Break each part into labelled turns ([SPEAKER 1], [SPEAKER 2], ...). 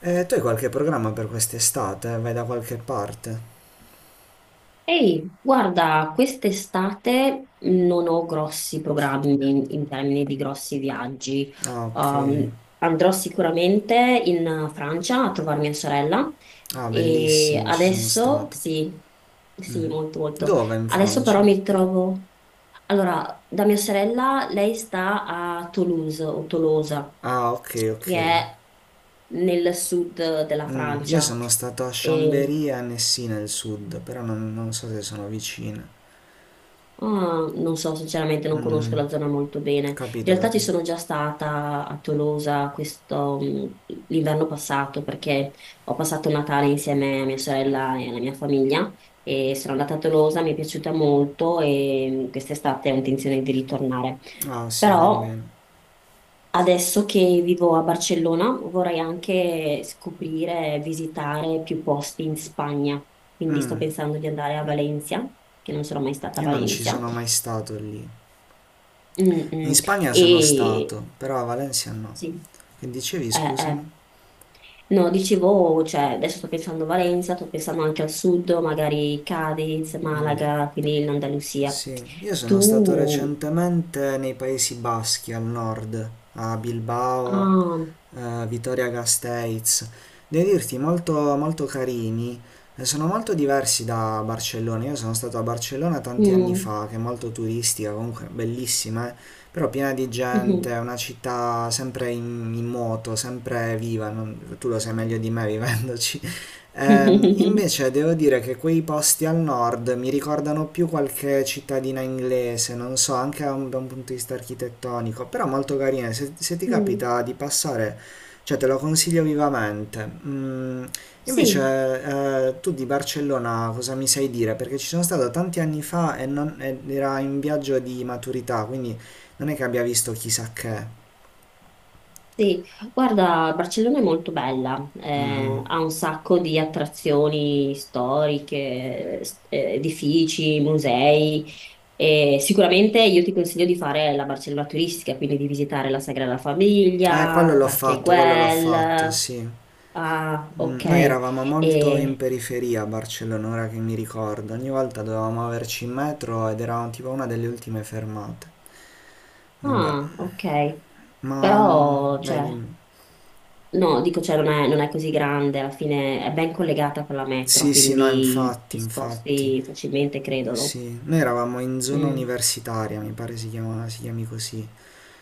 [SPEAKER 1] Tu hai qualche programma per quest'estate? Vai da qualche parte?
[SPEAKER 2] Ehi, guarda, quest'estate non ho grossi programmi in termini di grossi viaggi.
[SPEAKER 1] Ah, ok.
[SPEAKER 2] Andrò sicuramente in Francia a trovare mia sorella
[SPEAKER 1] Ah,
[SPEAKER 2] e
[SPEAKER 1] bellissimo, ci sono
[SPEAKER 2] adesso
[SPEAKER 1] stato.
[SPEAKER 2] sì, sì, molto molto.
[SPEAKER 1] Dove in
[SPEAKER 2] Adesso
[SPEAKER 1] Francia?
[SPEAKER 2] però mi trovo... Allora, da mia sorella, lei sta a Toulouse o Tolosa,
[SPEAKER 1] Ah, ok, ok.
[SPEAKER 2] che è nel sud della
[SPEAKER 1] Io
[SPEAKER 2] Francia.
[SPEAKER 1] sono stato a
[SPEAKER 2] E
[SPEAKER 1] Chambéry e a Annecy nel sud, però non so se sono vicine.
[SPEAKER 2] ah, non so, sinceramente non conosco
[SPEAKER 1] Mm,
[SPEAKER 2] la zona molto bene. In
[SPEAKER 1] capito,
[SPEAKER 2] realtà ci
[SPEAKER 1] capito.
[SPEAKER 2] sono già stata a Tolosa questo, l'inverno passato perché ho passato Natale insieme a mia sorella e alla mia famiglia e sono andata a Tolosa, mi è piaciuta molto e quest'estate ho intenzione di ritornare.
[SPEAKER 1] Ah, sì, fai
[SPEAKER 2] Però
[SPEAKER 1] bene.
[SPEAKER 2] adesso che vivo a Barcellona vorrei anche scoprire, visitare più posti in Spagna. Quindi sto
[SPEAKER 1] Mm,
[SPEAKER 2] pensando di andare a Valencia, che non sono mai stata a
[SPEAKER 1] io non ci
[SPEAKER 2] Valencia.
[SPEAKER 1] sono mai stato lì.
[SPEAKER 2] Mm,
[SPEAKER 1] In
[SPEAKER 2] mm.
[SPEAKER 1] Spagna sono
[SPEAKER 2] E
[SPEAKER 1] stato, però a Valencia no.
[SPEAKER 2] sì,
[SPEAKER 1] Che dicevi,
[SPEAKER 2] eh.
[SPEAKER 1] scusami?
[SPEAKER 2] No, dicevo, cioè, adesso sto pensando a Valenza, sto pensando anche al sud, magari Cadiz,
[SPEAKER 1] Mm.
[SPEAKER 2] Malaga, quindi l'Andalusia.
[SPEAKER 1] Sì, io sono stato
[SPEAKER 2] Tu...
[SPEAKER 1] recentemente nei Paesi Baschi al nord, a Bilbao
[SPEAKER 2] Ah,
[SPEAKER 1] eh, Vittoria Gasteiz, devo dirti molto, molto carini, sono molto diversi da Barcellona, io sono stato a Barcellona tanti anni
[SPEAKER 2] mm,
[SPEAKER 1] fa, che è molto turistica, comunque bellissima, però piena di gente,
[SPEAKER 2] mhm.
[SPEAKER 1] è una città sempre in moto, sempre viva, tu lo sai meglio di me vivendoci. Invece devo dire che quei posti al nord mi ricordano più qualche cittadina inglese, non so, anche da un punto di vista architettonico, però molto carine. Se ti
[SPEAKER 2] Mm.
[SPEAKER 1] capita di passare, cioè, te lo consiglio vivamente. Mm,
[SPEAKER 2] Sì.
[SPEAKER 1] invece, eh, tu di Barcellona cosa mi sai dire? Perché ci sono stato tanti anni fa e non, ed era in viaggio di maturità, quindi non è che abbia visto chissà che.
[SPEAKER 2] Sì, guarda, Barcellona è molto bella,
[SPEAKER 1] Mm.
[SPEAKER 2] ha un sacco di attrazioni storiche, edifici, musei e sicuramente io ti consiglio di fare la Barcellona turistica, quindi di visitare la Sagrada Famiglia, Parque
[SPEAKER 1] Quello l'ho fatto,
[SPEAKER 2] Güell.
[SPEAKER 1] sì.
[SPEAKER 2] Ah, ok.
[SPEAKER 1] Noi eravamo molto in
[SPEAKER 2] E-
[SPEAKER 1] periferia a Barcellona, ora che mi ricordo. Ogni volta dovevamo averci in metro ed eravamo tipo una delle ultime fermate. Vabbè,
[SPEAKER 2] ah, ok.
[SPEAKER 1] ma
[SPEAKER 2] Però,
[SPEAKER 1] vai
[SPEAKER 2] cioè,
[SPEAKER 1] dimmi.
[SPEAKER 2] no, dico, cioè, non è così grande, alla fine è ben collegata con la metro,
[SPEAKER 1] Sì, sì, no,
[SPEAKER 2] quindi
[SPEAKER 1] infatti,
[SPEAKER 2] ti
[SPEAKER 1] infatti.
[SPEAKER 2] sposti facilmente, credo, no?
[SPEAKER 1] Sì, noi eravamo in zona
[SPEAKER 2] Mm.
[SPEAKER 1] universitaria, mi pare si chiama, si chiami così.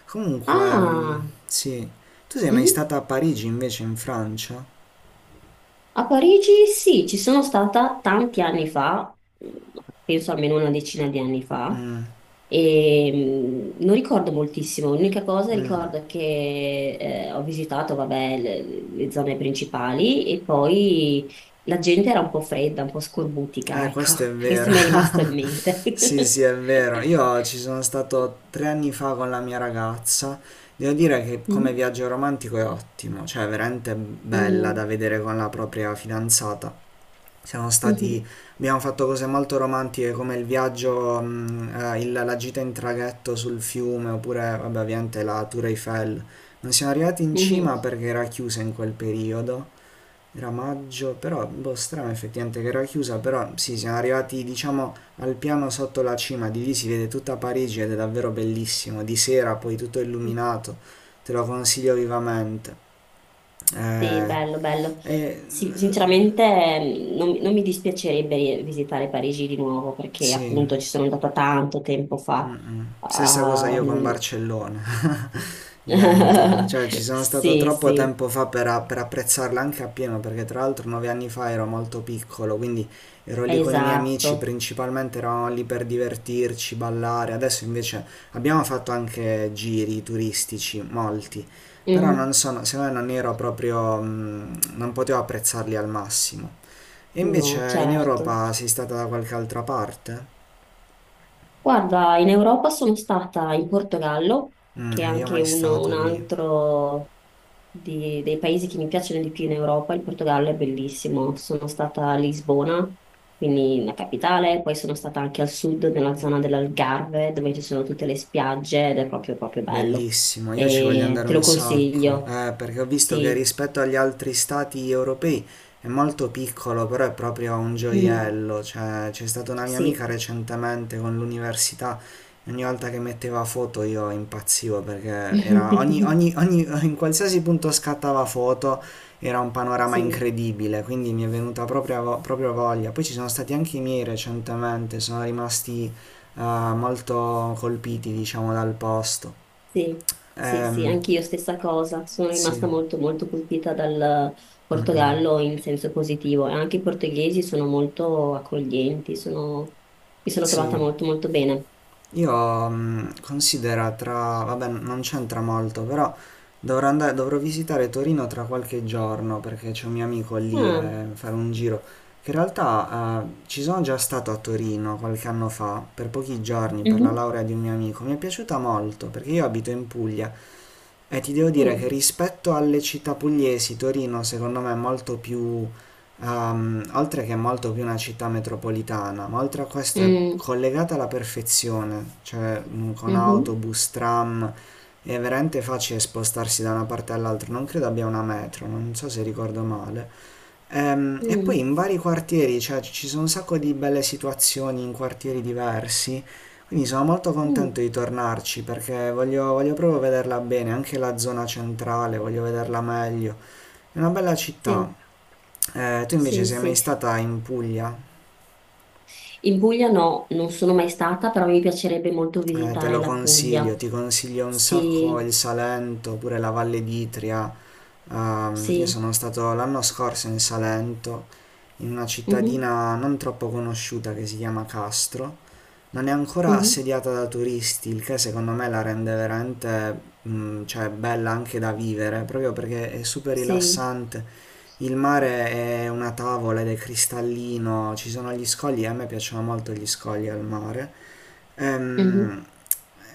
[SPEAKER 1] Comunque, mm,
[SPEAKER 2] Ah,
[SPEAKER 1] sì. Tu sei mai
[SPEAKER 2] mhm.
[SPEAKER 1] stata a Parigi invece, in Francia?
[SPEAKER 2] A Parigi sì, ci sono stata tanti anni fa, mm, penso almeno una decina di anni fa,
[SPEAKER 1] Mm,
[SPEAKER 2] e non ricordo moltissimo, l'unica cosa ricordo che ho visitato, vabbè, le zone principali e poi la gente era un po' fredda, un po' scorbutica,
[SPEAKER 1] Eh,
[SPEAKER 2] ecco,
[SPEAKER 1] questo è
[SPEAKER 2] questo
[SPEAKER 1] vero.
[SPEAKER 2] mi è rimasto in mente.
[SPEAKER 1] Sì, sì, è vero. Io ci sono stato tre anni fa con la mia ragazza. Devo dire che come
[SPEAKER 2] Mm,
[SPEAKER 1] viaggio romantico è ottimo, cioè è veramente bella
[SPEAKER 2] mm,
[SPEAKER 1] da vedere con la propria fidanzata. Siamo stati, abbiamo fatto cose molto romantiche come il viaggio, la gita in traghetto sul fiume oppure vabbè, ovviamente la Tour Eiffel. Non siamo arrivati in
[SPEAKER 2] mhm,
[SPEAKER 1] cima perché era chiusa in quel periodo, era maggio, però boh, strano effettivamente che era chiusa, però sì, siamo arrivati diciamo al piano sotto la cima, di lì si vede tutta Parigi ed è davvero bellissimo, di sera poi tutto
[SPEAKER 2] mhm.
[SPEAKER 1] illuminato, te lo consiglio vivamente.
[SPEAKER 2] Sì,
[SPEAKER 1] Eh,
[SPEAKER 2] bello, bello.
[SPEAKER 1] e
[SPEAKER 2] Sì, sinceramente non mi dispiacerebbe visitare Parigi di nuovo perché
[SPEAKER 1] sì.
[SPEAKER 2] appunto ci sono andata tanto tempo fa.
[SPEAKER 1] Mm-mm. Stessa cosa io con
[SPEAKER 2] Ehm.
[SPEAKER 1] Barcellona, identico, cioè ci sono stato
[SPEAKER 2] Sì,
[SPEAKER 1] troppo
[SPEAKER 2] sì,
[SPEAKER 1] tempo fa per apprezzarla anche appieno, perché tra l'altro nove anni fa ero molto piccolo, quindi ero lì con i miei amici,
[SPEAKER 2] esatto.
[SPEAKER 1] principalmente eravamo lì per divertirci, ballare, adesso invece abbiamo fatto anche giri turistici, molti, però
[SPEAKER 2] Mhm.
[SPEAKER 1] non sono, secondo me non ero proprio, non potevo apprezzarli al massimo. E
[SPEAKER 2] No,
[SPEAKER 1] invece in
[SPEAKER 2] certo.
[SPEAKER 1] Europa sei stata da qualche altra parte?
[SPEAKER 2] Guarda, in Europa sono stata in Portogallo, che è
[SPEAKER 1] Io
[SPEAKER 2] anche
[SPEAKER 1] mai stato
[SPEAKER 2] un
[SPEAKER 1] lì.
[SPEAKER 2] altro dei paesi che mi piacciono di più in Europa. Il Portogallo è bellissimo. Sono stata a Lisbona, quindi la capitale, poi sono stata anche al sud, nella zona dell'Algarve, dove ci sono tutte le spiagge ed è proprio, proprio bello.
[SPEAKER 1] Bellissimo, io ci voglio
[SPEAKER 2] E
[SPEAKER 1] andare
[SPEAKER 2] te lo
[SPEAKER 1] un sacco,
[SPEAKER 2] consiglio.
[SPEAKER 1] perché ho visto che
[SPEAKER 2] Sì,
[SPEAKER 1] rispetto agli altri stati europei è molto piccolo, però è proprio un
[SPEAKER 2] mm,
[SPEAKER 1] gioiello, cioè c'è stata una mia amica
[SPEAKER 2] sì.
[SPEAKER 1] recentemente con l'università e ogni volta che metteva foto io impazzivo perché era ogni, ogni, ogni, in qualsiasi punto scattava foto era un panorama
[SPEAKER 2] Sì.
[SPEAKER 1] incredibile, quindi mi è venuta proprio, proprio voglia. Poi ci sono stati anche i miei recentemente, sono rimasti molto colpiti, diciamo, dal posto.
[SPEAKER 2] Sì, sì, sì,
[SPEAKER 1] Ehm,
[SPEAKER 2] anch'io stessa cosa, sono
[SPEAKER 1] sì,
[SPEAKER 2] rimasta molto molto colpita dal
[SPEAKER 1] mm, mm.
[SPEAKER 2] Portogallo in senso positivo e anche i portoghesi sono molto accoglienti, sono, mi sono trovata
[SPEAKER 1] Sì.
[SPEAKER 2] molto molto bene.
[SPEAKER 1] Io considera tra... vabbè, non c'entra molto, però dovrò andare, dovrò visitare Torino tra qualche giorno perché c'è un mio amico lì
[SPEAKER 2] Ah,
[SPEAKER 1] e fare un giro. Che in realtà ci sono già stato a Torino qualche anno fa, per pochi giorni, per la
[SPEAKER 2] mhm,
[SPEAKER 1] laurea di un mio amico. Mi è piaciuta molto perché io abito in Puglia. E ti devo dire che
[SPEAKER 2] mm,
[SPEAKER 1] rispetto alle città pugliesi, Torino secondo me è molto più, oltre che è molto più una città metropolitana, ma oltre a questo è
[SPEAKER 2] mm,
[SPEAKER 1] collegata alla perfezione, cioè con
[SPEAKER 2] mhm,
[SPEAKER 1] autobus, tram, è veramente facile spostarsi da una parte all'altra, non credo abbia una metro, non so se ricordo male. E poi
[SPEAKER 2] mm,
[SPEAKER 1] in vari quartieri, cioè ci sono un sacco di belle situazioni in quartieri diversi, quindi sono molto contento
[SPEAKER 2] mm,
[SPEAKER 1] di tornarci perché voglio proprio vederla bene, anche la zona centrale, voglio vederla meglio. È una bella città.
[SPEAKER 2] sì,
[SPEAKER 1] Tu invece
[SPEAKER 2] sì,
[SPEAKER 1] sei
[SPEAKER 2] sì.
[SPEAKER 1] mai stata in Puglia?
[SPEAKER 2] In Puglia no, non sono mai stata, però mi piacerebbe molto
[SPEAKER 1] Te
[SPEAKER 2] visitare
[SPEAKER 1] lo
[SPEAKER 2] la Puglia.
[SPEAKER 1] consiglio, ti consiglio un
[SPEAKER 2] Sì,
[SPEAKER 1] sacco il Salento, oppure la Valle d'Itria. Io
[SPEAKER 2] sì,
[SPEAKER 1] sono stato l'anno scorso in Salento, in una
[SPEAKER 2] mhm,
[SPEAKER 1] cittadina non troppo conosciuta che si chiama Castro. Non è ancora
[SPEAKER 2] mhm,
[SPEAKER 1] assediata da turisti, il che secondo me la rende veramente, cioè, bella anche da vivere, proprio perché è super
[SPEAKER 2] sì.
[SPEAKER 1] rilassante. Il mare è una tavola ed è cristallino, ci sono gli scogli, e a me piacciono molto gli scogli al mare.
[SPEAKER 2] Mhm.
[SPEAKER 1] Ehm,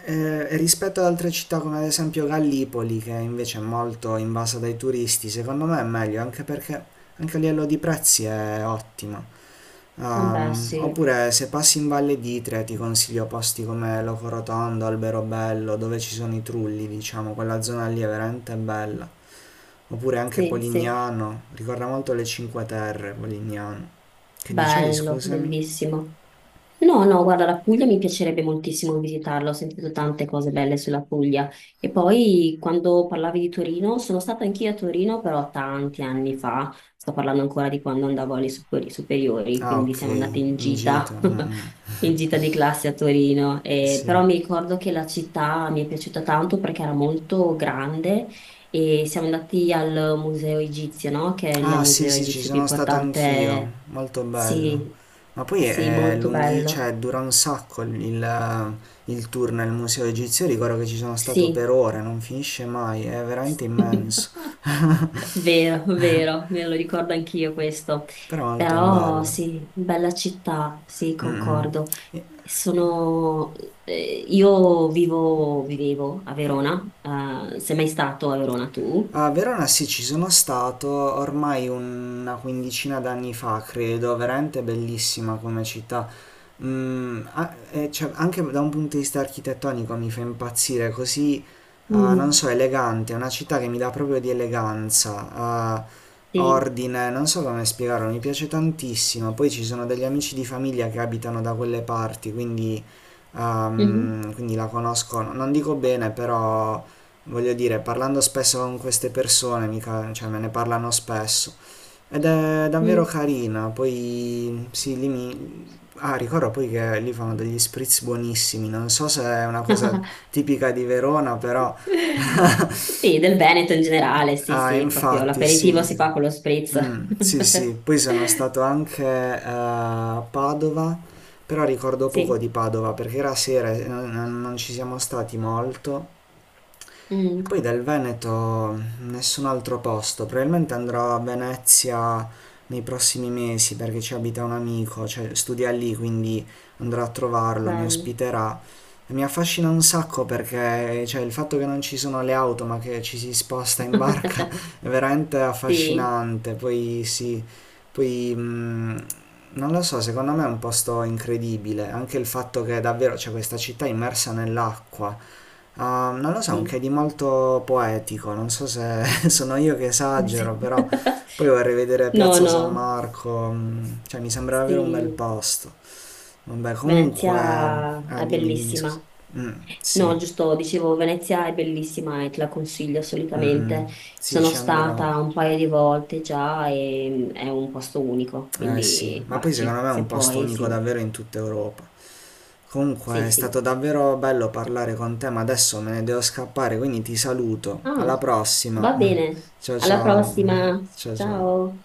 [SPEAKER 1] rispetto ad altre città come ad esempio Gallipoli, che invece è molto invasa dai turisti, secondo me è meglio, anche perché anche a livello di prezzi è ottima.
[SPEAKER 2] Vabbè,
[SPEAKER 1] Ehm,
[SPEAKER 2] sì.
[SPEAKER 1] oppure se passi in Valle d'Itria ti consiglio posti come Locorotondo, Alberobello, dove ci sono i trulli, diciamo, quella zona lì è veramente bella. Oppure anche
[SPEAKER 2] Sì, sì,
[SPEAKER 1] Polignano, ricorda molto le Cinque Terre, Polignano. Che dicevi,
[SPEAKER 2] bello,
[SPEAKER 1] scusami?
[SPEAKER 2] bellissimo. No, no, guarda, la Puglia mi piacerebbe moltissimo visitarla, ho sentito tante cose belle sulla Puglia. E poi quando parlavi di Torino, sono stata anch'io a Torino, però tanti anni fa, sto parlando ancora di quando andavo alle superiori,
[SPEAKER 1] Ah,
[SPEAKER 2] quindi
[SPEAKER 1] ok,
[SPEAKER 2] siamo andate in
[SPEAKER 1] in gita.
[SPEAKER 2] gita,
[SPEAKER 1] Mm,
[SPEAKER 2] in
[SPEAKER 1] mm.
[SPEAKER 2] gita di classe a Torino. E
[SPEAKER 1] Sì.
[SPEAKER 2] però mi ricordo che la città mi è piaciuta tanto perché era molto grande. E siamo andati al Museo Egizio, no? Che è il
[SPEAKER 1] Ah sì
[SPEAKER 2] museo
[SPEAKER 1] sì, ci
[SPEAKER 2] egizio più
[SPEAKER 1] sono stato anch'io,
[SPEAKER 2] importante.
[SPEAKER 1] molto
[SPEAKER 2] Sì,
[SPEAKER 1] bello. Ma poi
[SPEAKER 2] sì,
[SPEAKER 1] è
[SPEAKER 2] molto
[SPEAKER 1] lunghi,
[SPEAKER 2] bello.
[SPEAKER 1] cioè dura un sacco il tour nel museo egizio, ricordo che ci sono stato per
[SPEAKER 2] Sì.
[SPEAKER 1] ore, non finisce mai, è veramente immenso,
[SPEAKER 2] Vero, vero, me lo ricordo anch'io questo.
[SPEAKER 1] però molto
[SPEAKER 2] Però
[SPEAKER 1] bello.
[SPEAKER 2] sì, bella città, sì,
[SPEAKER 1] Mm,
[SPEAKER 2] concordo.
[SPEAKER 1] mm.
[SPEAKER 2] Sono, vivevo a Verona, sei mai stato a Verona tu?
[SPEAKER 1] A Verona sì, ci sono stato ormai una quindicina d'anni fa, credo, veramente bellissima come città. E cioè, anche da un punto di vista architettonico mi fa impazzire, così, non
[SPEAKER 2] Mm,
[SPEAKER 1] so, elegante, è una città che mi dà proprio di eleganza,
[SPEAKER 2] sì.
[SPEAKER 1] ordine, non so come spiegarlo, mi piace tantissimo. Poi ci sono degli amici di famiglia che abitano da quelle parti, quindi,
[SPEAKER 2] Mhm,
[SPEAKER 1] ehm, quindi la conosco, non dico bene, però voglio dire, parlando spesso con queste persone, mica, cioè me ne parlano spesso, ed è davvero
[SPEAKER 2] mm.
[SPEAKER 1] carina, poi sì, lì mi... Ah, ricordo poi che lì fanno degli spritz buonissimi, non so se è una cosa tipica di Verona, però...
[SPEAKER 2] Sì, del Veneto in generale, sì,
[SPEAKER 1] Ah,
[SPEAKER 2] sì, proprio
[SPEAKER 1] infatti,
[SPEAKER 2] l'aperitivo
[SPEAKER 1] sì.
[SPEAKER 2] si fa con lo spritz.
[SPEAKER 1] Sì, sì, poi sono stato anche a Padova, però ricordo poco
[SPEAKER 2] Sì,
[SPEAKER 1] di Padova perché era sera e non ci siamo stati molto e
[SPEAKER 2] mm,
[SPEAKER 1] poi del Veneto nessun altro posto, probabilmente andrò a Venezia nei prossimi mesi perché ci abita un amico, cioè studia lì, quindi andrò a trovarlo, mi
[SPEAKER 2] bello.
[SPEAKER 1] ospiterà. E mi affascina un sacco perché cioè, il fatto che non ci sono le auto ma che ci si sposta in barca è veramente
[SPEAKER 2] Sì,
[SPEAKER 1] affascinante. Poi sì, poi non lo so, secondo me è un posto incredibile, anche il fatto che davvero c'è questa città immersa nell'acqua. Ah, non lo so, un
[SPEAKER 2] sì,
[SPEAKER 1] che di molto poetico, non so se sono io che
[SPEAKER 2] sì.
[SPEAKER 1] esagero, però poi vorrei vedere
[SPEAKER 2] No,
[SPEAKER 1] Piazza San
[SPEAKER 2] no,
[SPEAKER 1] Marco, cioè mi sembra davvero un bel
[SPEAKER 2] sì,
[SPEAKER 1] posto. Vabbè, comunque,
[SPEAKER 2] Venezia
[SPEAKER 1] ah,
[SPEAKER 2] è
[SPEAKER 1] dimmi, dimmi, scusa.
[SPEAKER 2] bellissima.
[SPEAKER 1] Mm,
[SPEAKER 2] No,
[SPEAKER 1] sì,
[SPEAKER 2] giusto, dicevo, Venezia è bellissima e te la consiglio
[SPEAKER 1] mm, mm,
[SPEAKER 2] assolutamente.
[SPEAKER 1] sì,
[SPEAKER 2] Sono
[SPEAKER 1] ci andrò.
[SPEAKER 2] stata un paio di volte già e è un posto unico,
[SPEAKER 1] Eh sì,
[SPEAKER 2] quindi
[SPEAKER 1] ma poi secondo
[SPEAKER 2] baci,
[SPEAKER 1] me è un
[SPEAKER 2] se
[SPEAKER 1] posto
[SPEAKER 2] puoi,
[SPEAKER 1] unico
[SPEAKER 2] sì,
[SPEAKER 1] davvero in tutta Europa.
[SPEAKER 2] sì,
[SPEAKER 1] Comunque è
[SPEAKER 2] sì.
[SPEAKER 1] stato davvero bello parlare con te, ma adesso me ne devo scappare, quindi ti saluto.
[SPEAKER 2] Ah,
[SPEAKER 1] Alla prossima.
[SPEAKER 2] va bene.
[SPEAKER 1] Ciao
[SPEAKER 2] Alla
[SPEAKER 1] ciao.
[SPEAKER 2] prossima.
[SPEAKER 1] Ciao ciao.
[SPEAKER 2] Ciao.